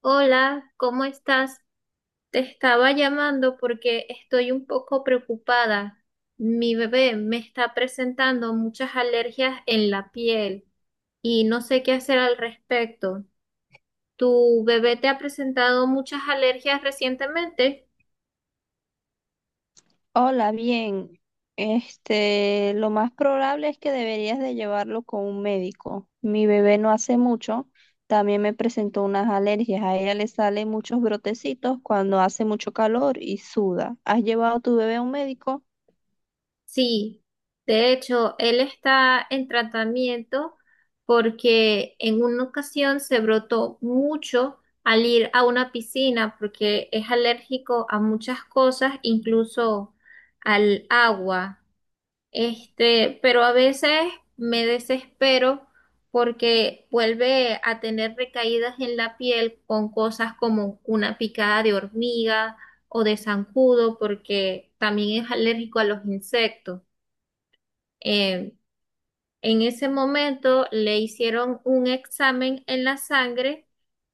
Hola, ¿cómo estás? Te estaba llamando porque estoy un poco preocupada. Mi bebé me está presentando muchas alergias en la piel y no sé qué hacer al respecto. ¿Tu bebé te ha presentado muchas alergias recientemente? Hola, bien. Lo más probable es que deberías de llevarlo con un médico. Mi bebé no hace mucho, también me presentó unas alergias. A ella le salen muchos brotecitos cuando hace mucho calor y suda. ¿Has llevado a tu bebé a un médico? Sí, de hecho, él está en tratamiento porque en una ocasión se brotó mucho al ir a una piscina porque es alérgico a muchas cosas, incluso al agua. Pero a veces me desespero porque vuelve a tener recaídas en la piel con cosas como una picada de hormiga o de zancudo porque también es alérgico a los insectos. Eh, en ese momento le hicieron un examen en la sangre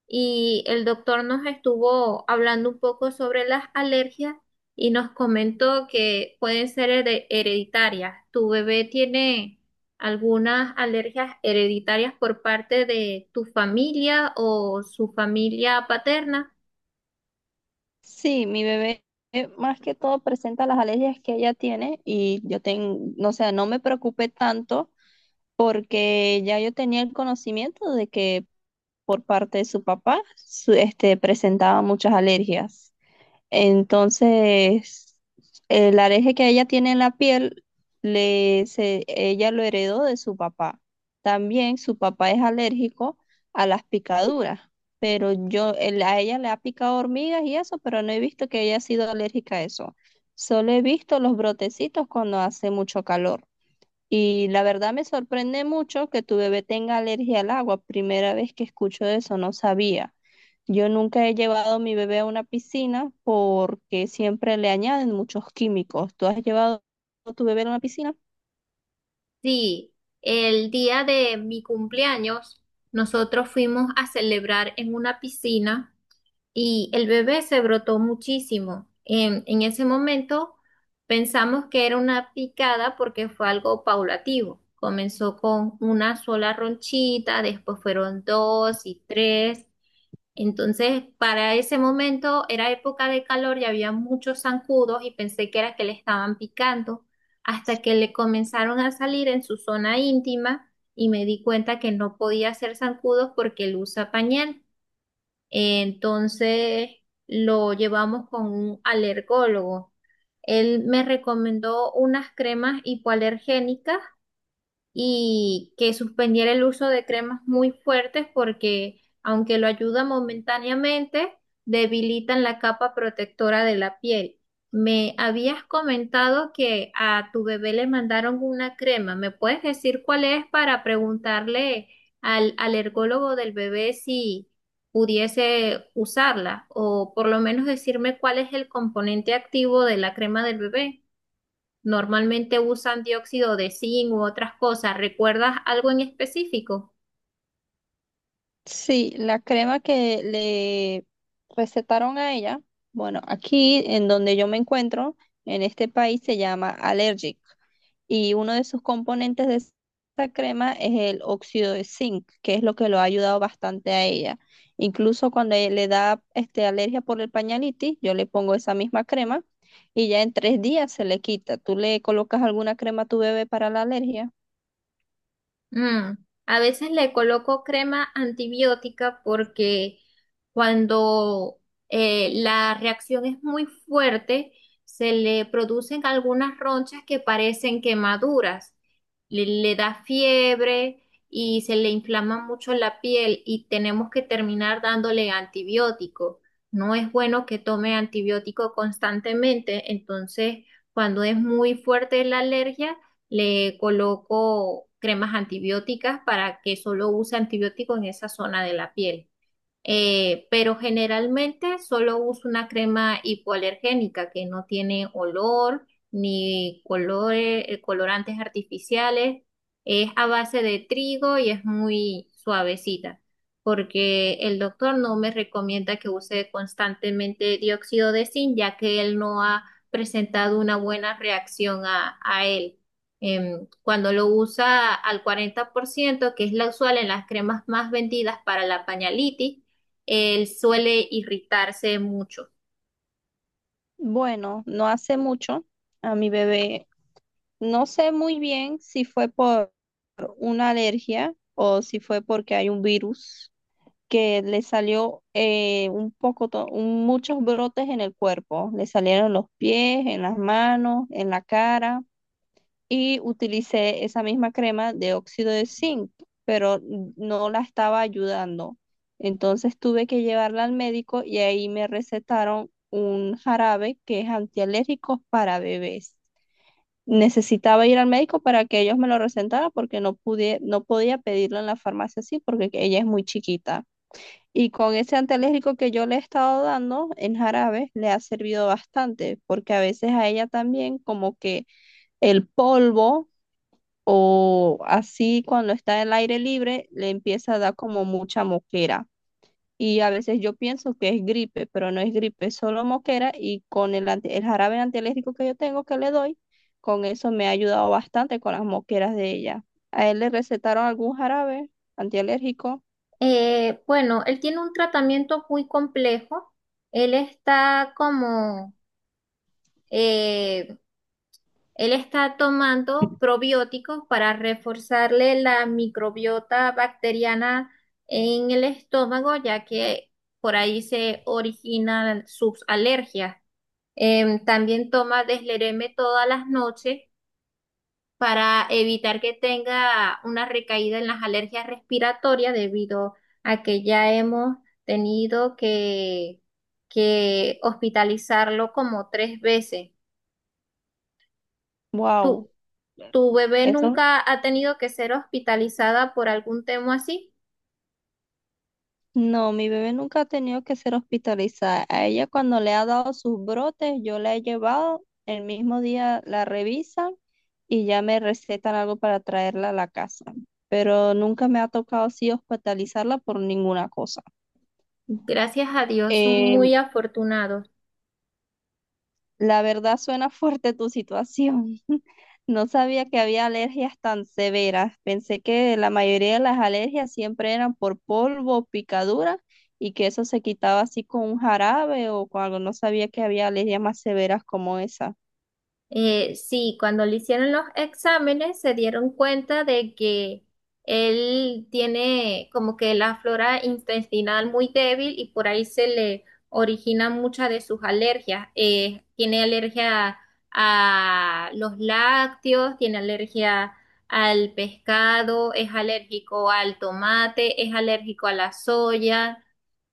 y el doctor nos estuvo hablando un poco sobre las alergias y nos comentó que pueden ser hereditarias. ¿Tu bebé tiene algunas alergias hereditarias por parte de tu familia o su familia paterna? Sí, mi bebé más que todo presenta las alergias que ella tiene y yo tengo, no sé, no me preocupé tanto porque ya yo tenía el conocimiento de que por parte de su papá, presentaba muchas alergias. Entonces, el alergia que ella tiene en la piel, le, se- ella lo heredó de su papá. También su papá es alérgico a las picaduras, pero a ella le ha picado hormigas y eso, pero no he visto que haya sido alérgica a eso. Solo he visto los brotecitos cuando hace mucho calor. Y la verdad me sorprende mucho que tu bebé tenga alergia al agua. Primera vez que escucho eso, no sabía. Yo nunca he llevado a mi bebé a una piscina porque siempre le añaden muchos químicos. ¿Tú has llevado a tu bebé a una piscina? Sí, el día de mi cumpleaños nosotros fuimos a celebrar en una piscina y el bebé se brotó muchísimo. En ese momento pensamos que era una picada porque fue algo paulativo. Comenzó con una sola ronchita, después fueron dos y tres. Entonces, para ese momento era época de calor y había muchos zancudos y pensé que era que le estaban picando hasta que le comenzaron a salir en su zona íntima y me di cuenta que no podía hacer zancudos porque él usa pañal. Entonces lo llevamos con un alergólogo. Él me recomendó unas cremas hipoalergénicas y que suspendiera el uso de cremas muy fuertes porque, aunque lo ayuda momentáneamente, debilitan la capa protectora de la piel. Me habías comentado que a tu bebé le mandaron una crema. ¿Me puedes decir cuál es para preguntarle al alergólogo del bebé si pudiese usarla o por lo menos decirme cuál es el componente activo de la crema del bebé? Normalmente usan dióxido de zinc u otras cosas. ¿Recuerdas algo en específico? Sí, la crema que le recetaron a ella, bueno, aquí en donde yo me encuentro, en este país se llama Allergic y uno de sus componentes de esa crema es el óxido de zinc, que es lo que lo ha ayudado bastante a ella. Incluso cuando le da alergia por el pañalitis, yo le pongo esa misma crema y ya en tres días se le quita. ¿Tú le colocas alguna crema a tu bebé para la alergia? Mm, A veces le coloco crema antibiótica porque cuando la reacción es muy fuerte, se le producen algunas ronchas que parecen quemaduras. Le da fiebre y se le inflama mucho la piel y tenemos que terminar dándole antibiótico. No es bueno que tome antibiótico constantemente, entonces cuando es muy fuerte la alergia, le coloco cremas antibióticas para que solo use antibiótico en esa zona de la piel. Pero generalmente solo uso una crema hipoalergénica que no tiene olor ni colorantes artificiales. Es a base de trigo y es muy suavecita, porque el doctor no me recomienda que use constantemente dióxido de zinc, ya que él no ha presentado una buena reacción a él. Cuando lo usa al 40%, que es la usual en las cremas más vendidas para la pañalitis, él suele irritarse mucho. Bueno, no hace mucho. A mi bebé No sé muy bien si fue por una alergia o si fue porque hay un virus que le salió un poco, muchos brotes en el cuerpo. Le salieron en los pies, en las manos, en la cara y utilicé esa misma crema de óxido de zinc, pero no la estaba ayudando. Entonces tuve que llevarla al médico y ahí me recetaron un jarabe que es antialérgico para bebés. Necesitaba ir al médico para que ellos me lo recetaran porque no podía pedirlo en la farmacia así porque que ella es muy chiquita. Y con ese antialérgico que yo le he estado dando en jarabe, le ha servido bastante, porque a veces a ella también como que el polvo o así cuando está en el aire libre, le empieza a dar como mucha moquera. Y a veces yo pienso que es gripe, pero no es gripe, es solo moquera y con el jarabe antialérgico que yo tengo que le doy, con eso me ha ayudado bastante con las moqueras de ella. ¿A él le recetaron algún jarabe antialérgico? Bueno, él tiene un tratamiento muy complejo. Él está como, eh, él está tomando probióticos para reforzarle la microbiota bacteriana en el estómago, ya que por ahí se originan sus alergias. También toma deslereme todas las noches para evitar que tenga una recaída en las alergias respiratorias debido a que ya hemos tenido que hospitalizarlo como tres veces. Wow. ¿Tu, tu bebé nunca ha tenido que ser hospitalizada por algún tema así? No, mi bebé nunca ha tenido que ser hospitalizada. A ella cuando le ha dado sus brotes, yo la he llevado, el mismo día la revisan y ya me recetan algo para traerla a la casa. Pero nunca me ha tocado así hospitalizarla por ninguna cosa. Gracias a Dios, son Eh, muy afortunados. la verdad suena fuerte tu situación. No sabía que había alergias tan severas. Pensé que la mayoría de las alergias siempre eran por polvo, picadura y que eso se quitaba así con un jarabe o con algo. No sabía que había alergias más severas como esa. Sí, cuando le hicieron los exámenes se dieron cuenta de que él tiene como que la flora intestinal muy débil y por ahí se le originan muchas de sus alergias. Tiene alergia a los lácteos, tiene alergia al pescado, es alérgico al tomate, es alérgico a la soya,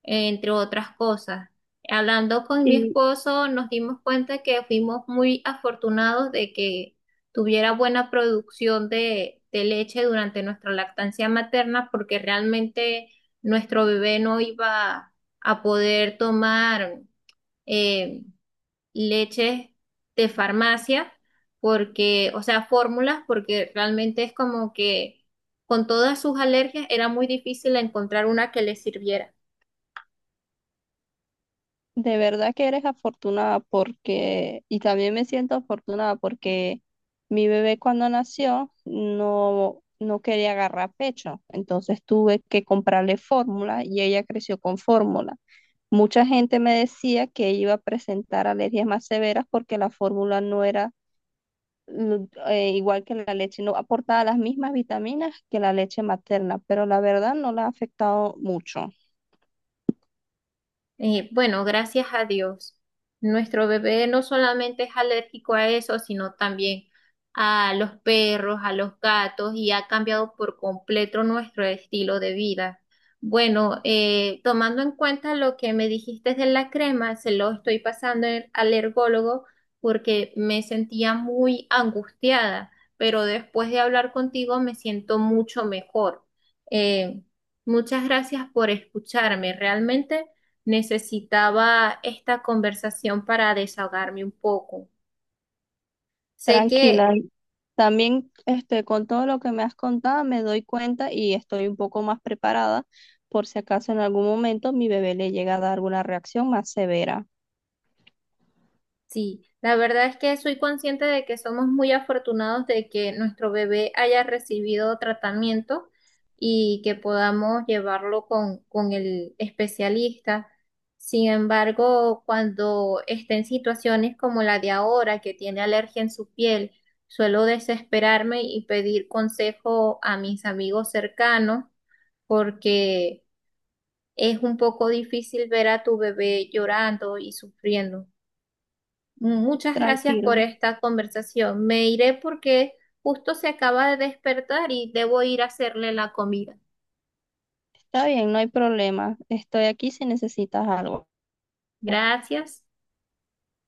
entre otras cosas. Hablando con mi Y esposo, nos dimos cuenta que fuimos muy afortunados de que tuviera buena producción de leche durante nuestra lactancia materna, porque realmente nuestro bebé no iba a poder tomar eh, leches de farmacia, porque, o sea, fórmulas, porque realmente es como que con todas sus alergias era muy difícil encontrar una que le sirviera. de verdad que eres afortunada porque, y también me siento afortunada porque mi bebé cuando nació no quería agarrar pecho. Entonces tuve que comprarle fórmula y ella creció con fórmula. Mucha gente me decía que iba a presentar alergias más severas porque la fórmula no era igual que la leche, no aportaba las mismas vitaminas que la leche materna, pero la verdad no la ha afectado mucho. Bueno, gracias a Dios. Nuestro bebé no solamente es alérgico a eso, sino también a los perros, a los gatos, y ha cambiado por completo nuestro estilo de vida. Bueno, tomando en cuenta lo que me dijiste de la crema, se lo estoy pasando al ergólogo porque me sentía muy angustiada, pero después de hablar contigo me siento mucho mejor. Eh, Muchas gracias por escucharme. Realmente necesitaba esta conversación para desahogarme un poco. Sé que Tranquila. También con todo lo que me has contado me doy cuenta y estoy un poco más preparada por si acaso en algún momento mi bebé le llega a dar alguna reacción más severa. sí, la verdad es que soy consciente de que somos muy afortunados de que nuestro bebé haya recibido tratamiento y que podamos llevarlo con el especialista. Sin embargo, cuando esté en situaciones como la de ahora, que tiene alergia en su piel, suelo desesperarme y pedir consejo a mis amigos cercanos porque es un poco difícil ver a tu bebé llorando y sufriendo. Muchas gracias por Tranquilo. esta conversación. Me iré porque justo se acaba de despertar y debo ir a hacerle la comida. Está bien, no hay problema. Estoy aquí si necesitas algo. Gracias.